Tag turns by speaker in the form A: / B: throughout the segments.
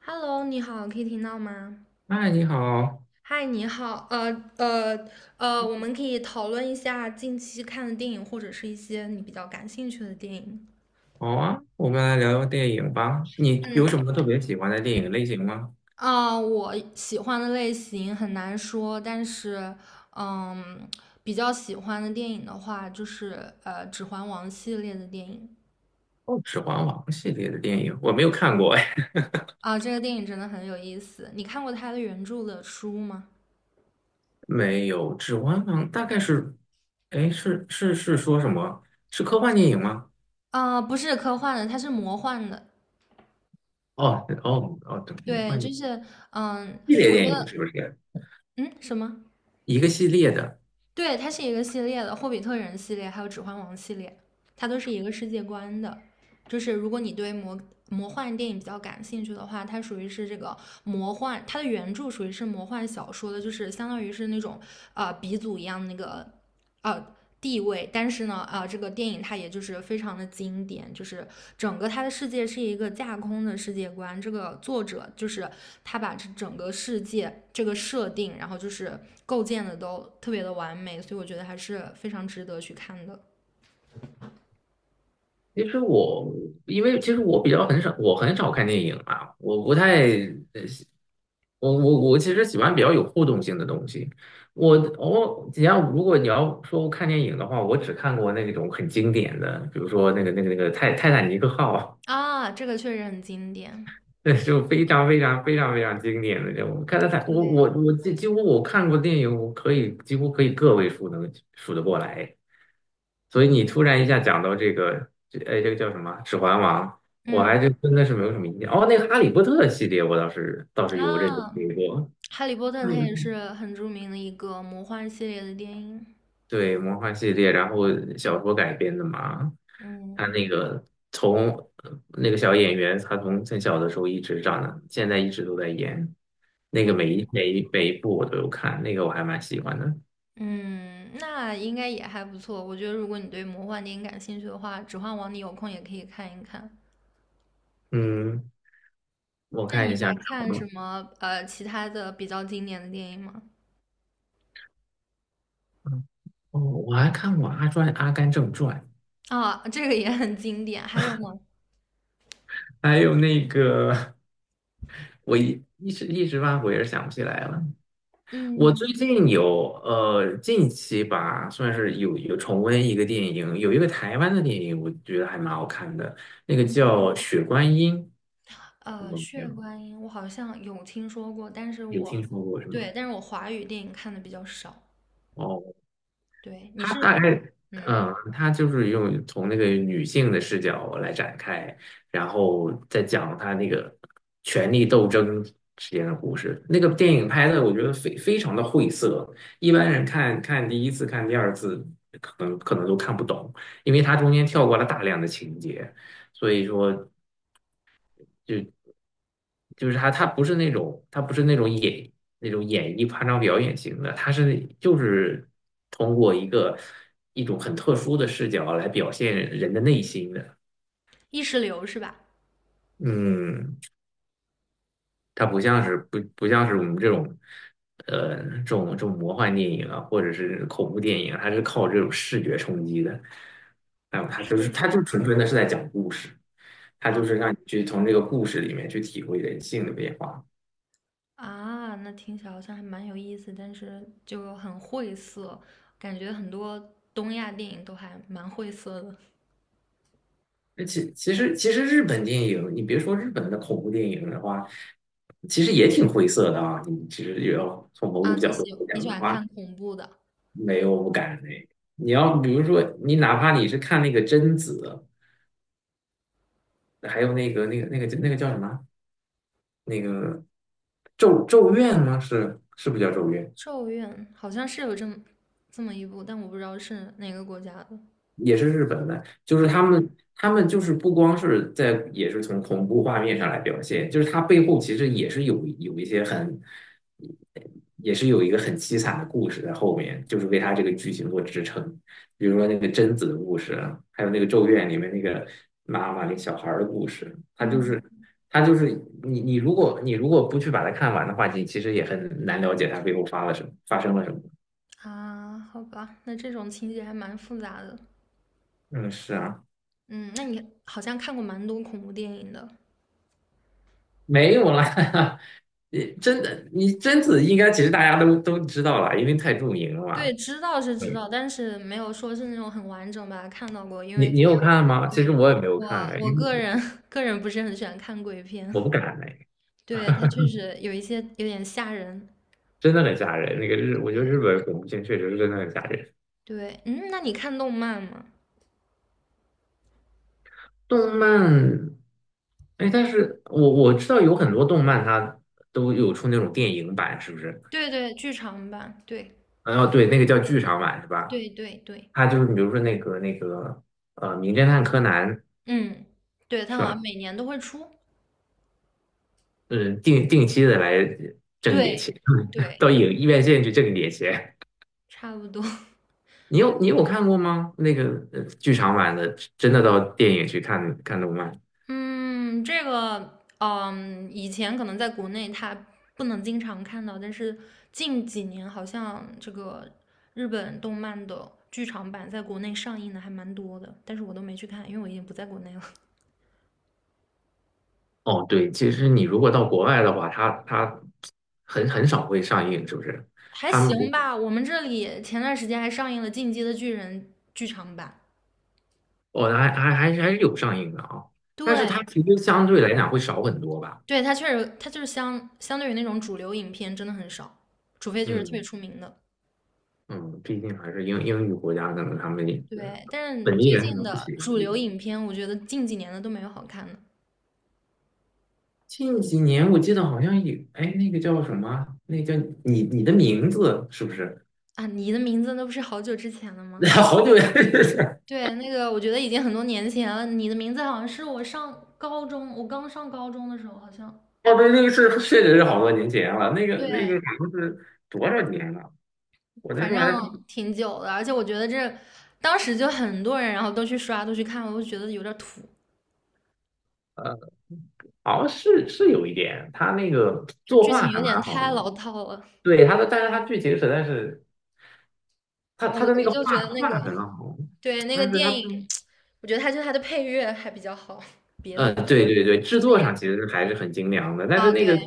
A: Hello，你好，可以听到吗？
B: 嗨，你好。
A: 嗨，你好，呃我们可以讨论一下近期看的电影，或者是一些你比较感兴趣的电影。
B: 好啊，我们来聊聊电影吧。你
A: 嗯，
B: 有什么特别喜欢的电影类型吗？
A: 啊、我喜欢的类型很难说，但是，嗯，比较喜欢的电影的话，就是《指环王》系列的电影。
B: 哦，《指环王》系列的电影我没有看过。哎，
A: 啊、这个电影真的很有意思。你看过它的原著的书吗？
B: 没有，《指环王》大概是，哎，是说什么？是科幻电影吗？
A: 啊、不是科幻的，它是魔幻的。
B: 哦哦哦，对，科
A: 对，
B: 幻电
A: 就
B: 影
A: 是，嗯，
B: 系列
A: 我觉
B: 电影
A: 得，
B: 是不是？
A: 嗯，什么？
B: 一个系列的。
A: 对，它是一个系列的，《霍比特人》系列还有《指环王》系列，它都是一个世界观的。就是如果你对魔幻电影比较感兴趣的话，它属于是这个魔幻，它的原著属于是魔幻小说的，就是相当于是那种鼻祖一样那个呃地位，但是呢啊，这个电影它也就是非常的经典，就是整个它的世界是一个架空的世界观。这个作者就是他把这整个世界这个设定，然后就是构建的都特别的完美，所以我觉得还是非常值得去看的
B: 其实我因为其实我比较很少，我很少看电影啊，我不太我我我其实喜欢比较有互动性的东西。我我你要如果你要说我看电影的话，我只看过那种很经典的，比如说那个泰坦尼克号，
A: 啊。这个确实很经典，
B: 那就非常非常非常非常经典的那种。看泰坦，我
A: 对，
B: 我我几乎我看过电影，我可以几乎可以个位数能数得过来。所以你突然一下讲到这个，哎,这个叫什么《指环王》，我
A: 嗯
B: 还就真的是没有什么印象。哦，那个《哈利波特》系列我倒是有认真
A: 啊，
B: 追过。
A: 《哈利波特》它也是很著名的一个魔幻系列的电影，
B: 对，魔幻系列，然后小说改编的嘛。他
A: 嗯
B: 那个从那个小演员，他从很小的时候一直长的，现在一直都在演。那个
A: 嗯。
B: 每一部我都有看，那个我还蛮喜欢的。
A: 嗯，那应该也还不错。我觉得如果你对魔幻电影感兴趣的话，《指环王》你有空也可以看一看。
B: 嗯，我
A: 那
B: 看
A: 你
B: 一
A: 还
B: 下什
A: 看什
B: 么？
A: 么其他的比较经典的电影吗？
B: 哦，我还看过《阿甘正传》，
A: 啊，这个也很经典。还有吗？
B: 还有那个 我一时半会儿也想不起来了。我最
A: 嗯，
B: 近有近期吧，算是有重温一个电影，有一个台湾的电影，我觉得还蛮好看的，那个叫《雪观音》，你有没
A: 《血
B: 有
A: 观音》我好像有听说过，但是
B: 有
A: 我
B: 听说过是吗？
A: 对，但是我华语电影看的比较少。
B: 哦。
A: 对，
B: 他大概，
A: 嗯。
B: 嗯，他就是用从那个女性的视角来展开，然后再讲他那个权力斗争之间的故事。那个电影拍的，我觉得非常的晦涩，一般人看看第一次、看第二次，可能都看不懂，因为它中间跳过了大量的情节，所以说就就是他不是那种他不是那种演那种演绎夸张表演型的，他是就是通过一个一种很特殊的视角来表现人的内心的。
A: 意识流是吧？
B: 嗯，它不像是我们这种，这种这种魔幻电影啊，或者是恐怖电影啊，它是靠这种视觉冲击的。还有它就是
A: 视
B: 它
A: 觉。
B: 就纯纯的是在讲故事，它就是
A: 啊。
B: 让你去从这个故事里面去体会人性的变化。
A: 啊，那听起来好像还蛮有意思，但是就很晦涩，感觉很多东亚电影都还蛮晦涩的。
B: 那其实日本电影，你别说日本的恐怖电影的话，其实也挺灰色的啊。你其实也要从某种
A: 啊，
B: 角度来
A: 你
B: 讲
A: 喜
B: 的
A: 欢
B: 话，
A: 看恐怖的？
B: 没有不敢那个。你要比如说，你哪怕你是看那个贞子，还有那个那个叫什么？那个咒怨吗？是不叫咒怨？
A: 《咒怨》好像是有这么一部，但我不知道是哪个国家的。
B: 也是日本的，就是
A: 啊，
B: 他们，他们就是不光是在，也是从恐怖画面上来表现，就是它背后其实也是有一些很，也是有一个很凄惨的故事在后面，就是为它这个剧情做支撑。比如说那个贞子的故事啊，还有那个《咒怨》里面那个妈妈那个小孩儿的故事，它就
A: 嗯，
B: 是它就是你如果你如果不去把它看完的话，你其实也很难了解它背后发了什么，发生了什么。
A: 啊，好吧，那这种情节还蛮复杂的。
B: 嗯，是啊。
A: 嗯，那你好像看过蛮多恐怖电影的。
B: 没有啦，你真的，你贞子应该其实大家都知道了，因为太著名了
A: 对，
B: 嘛。
A: 知道是知
B: 嗯，
A: 道，但是没有说是那种很完整吧，看到过，因
B: 你
A: 为
B: 你有看吗？
A: 对，
B: 其实我也没有
A: 我
B: 看哎，
A: 我
B: 因为
A: 个
B: 我
A: 人 个人不是很喜欢看鬼
B: 我
A: 片，
B: 不敢哎，
A: 对，他确实有一些有点吓人。
B: 真的很吓人。那个日，我觉得日本恐怖片确实是真的很吓人。
A: 对，那你看动漫吗？
B: 动漫，哎，但是我我知道有很多动漫它都有出那种电影版，是不是？
A: 对对，剧场版，对
B: 哦，对，那个叫剧场版是吧？
A: 对对对，
B: 它就是比如说那个名侦探柯南》
A: 嗯，对，他
B: 是
A: 好像
B: 吧？
A: 每年都会出，
B: 嗯，定期的来挣一点钱。
A: 对
B: 都
A: 对，
B: 有院线去挣点钱。
A: 差不多，
B: 你
A: 对。
B: 有你有看过吗？那个剧场版的，真的到电影去看看动漫？
A: 嗯，这个，以前可能在国内它不能经常看到，但是近几年好像这个日本动漫的剧场版在国内上映的还蛮多的，但是我都没去看，因为我已经不在国内了。
B: 哦，对，其实你如果到国外的话，它它很很少会上映，是不是？
A: 还
B: 他们
A: 行
B: 不
A: 吧，我们这里前段时间还上映了《进击的巨人》剧场版。
B: 哦，还是有上映的啊，但是
A: 对，
B: 它其实相对来讲会少很多吧？
A: 对，它确实，它就是相对于那种主流影片真的很少，除非就是特别
B: 嗯
A: 出名的。
B: 嗯，毕竟还是英语国家，可能他们也是
A: 对，但是
B: 本
A: 最
B: 地人可
A: 近
B: 能不
A: 的
B: 喜欢
A: 主
B: 这个。
A: 流影片，我觉得近几年的都没有好看的。
B: 近几年我记得好像有，哎，那个叫什么？那个叫你你的名字是不是？
A: 啊，你的名字那不是好久之前了吗？
B: 好久也 是，
A: 对，那个我觉得已经很多年前了。你的名字好像是我上高中，我刚上高中的时候，好像
B: 哦，对，那个是确实是好多年前了，那个
A: 对，
B: 那个好像是多少年了？我那
A: 反
B: 时候还是
A: 正挺久的。而且我觉得这当时就很多人，然后都去刷，都去看，我就觉得有点土，
B: 呃，好像是是有一点，他那个
A: 就
B: 作
A: 剧
B: 画
A: 情有
B: 还蛮
A: 点
B: 好
A: 太
B: 的，
A: 老套了。
B: 对他的，但是他剧情实在是他
A: 我
B: 他的那
A: 我
B: 个
A: 就
B: 画
A: 觉得那个
B: 画很好，
A: 对那个
B: 但是他
A: 电影，我觉得它就它的配乐还比较好，别的都
B: 对对对，制
A: 就那
B: 作
A: 样
B: 上其实还是很精良的，但是
A: 啊。
B: 那
A: 对，
B: 个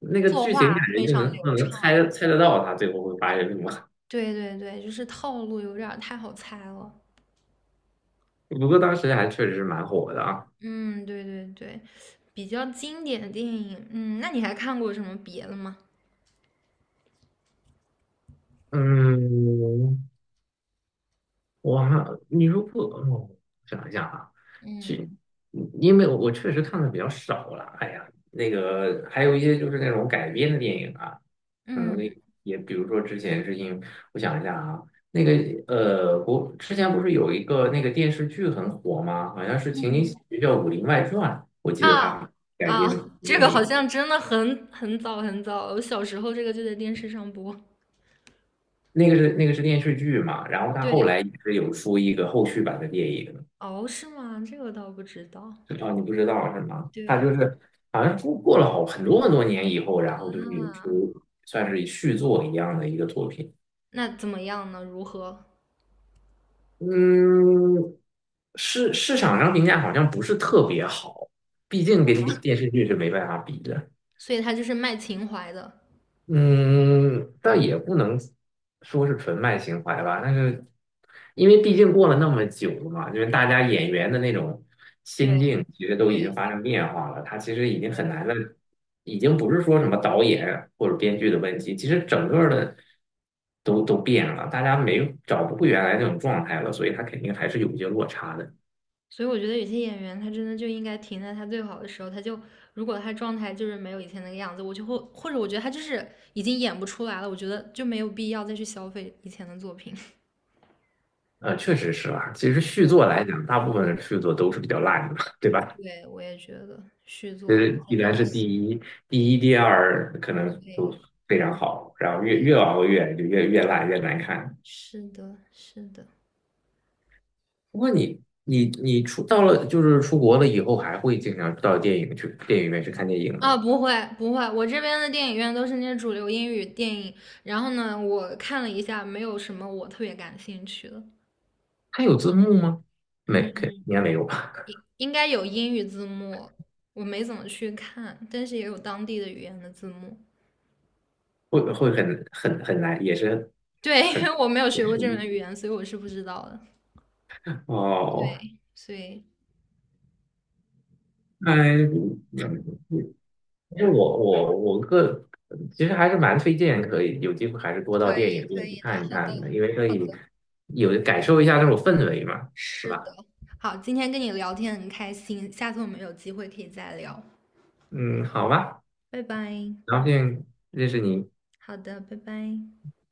B: 那个
A: 作
B: 剧情感
A: 画非
B: 觉就
A: 常
B: 能就
A: 流
B: 能
A: 畅。
B: 猜猜得到他最后会发生什么。
A: 对对对，就是套路有点儿太好猜了。
B: 不过当时还确实是蛮火的啊。
A: 嗯，对对对，比较经典的电影，那你还看过什么别的吗？
B: 嗯。哇，你如果想一下啊，其
A: 嗯
B: 因为我我确实看的比较少了，哎呀，那个还有一些就是那种改编的电影啊，可能
A: 嗯
B: 也比如说之前是因我想一下啊，那个国之前不是有一个那个电视剧很火吗？好像是情景喜
A: 嗯
B: 剧叫《武林外传》，我记得
A: 啊
B: 它改
A: 啊，
B: 编的
A: 这
B: 电
A: 个好
B: 影，
A: 像真的很早很早，我小时候这个就在电视上播。
B: 那个是那个是电视剧嘛，然后它后
A: 对，
B: 来也是有出一个后续版的电影。
A: 哦，是吗？这个我倒不知道。
B: 啊，你不知道是吗？他
A: 对，
B: 就是好像过了好很多很多年以后，然后就是有
A: 那
B: 出算是续作一样的一个作品。
A: 那怎么样呢？如何？
B: 嗯，市场上评价好像不是特别好，毕竟跟电视剧是没办法比的。
A: 所以它就是卖情怀的。
B: 嗯，但也不能说是纯卖情怀吧，但是因为毕竟过了那么久了嘛，就是大家演员的那种心
A: 对
B: 境其实都
A: 对
B: 已经发生变化了，他其实已经很
A: 对，
B: 难的，已经不是说什么导演或者编剧的问题，其实整个的都变了，大家没有找不回原来那种状态了，所以他肯定还是有一些落差的。
A: 所以我觉得有些演员他真的就应该停在他最好的时候，他就如果他状态就是没有以前那个样子，我就会或者我觉得他就是已经演不出来了，我觉得就没有必要再去消费以前的作品。
B: 呃，确实是啊，其实续作来讲，大部分的续作都是比较烂的嘛对吧？
A: 对，我也觉得续
B: 呃，
A: 作
B: 依
A: 真的
B: 然
A: 不
B: 是第
A: 行。
B: 一，第一、第二可能都
A: 对，
B: 非常好，然后越
A: 对，
B: 越往后越就越越烂越难看。
A: 是的，是的。
B: 不过你出到了就是出国了以后，还会经常到电影去电影院去看电影
A: 啊，
B: 吗？
A: 不会不会，我这边的电影院都是那些主流英语电影，然后呢，我看了一下，没有什么我特别感兴趣的。
B: 它有字幕吗？没，
A: 嗯。
B: 肯应该没有吧？
A: 应该有英语字幕，我没怎么去看，但是也有当地的语言的字幕。
B: 会会很难，也是
A: 对，因
B: 很
A: 为我没有
B: 也
A: 学
B: 是
A: 过这门语言，所以我是不知道的。
B: 哦。
A: 对，所以
B: 哎，因为我其实还是蛮推荐，可以有机会还是多
A: 可
B: 到电
A: 以
B: 影
A: 可
B: 院去
A: 以的，
B: 看一
A: 好
B: 看
A: 的，
B: 的，因为可以有感受一下那种氛围嘛，是
A: 是
B: 吧？
A: 的。好，今天跟你聊天很开心，下次我们有机会可以再聊，
B: 嗯，好吧，
A: 拜拜。
B: 很高兴认识你。
A: 好的，拜拜。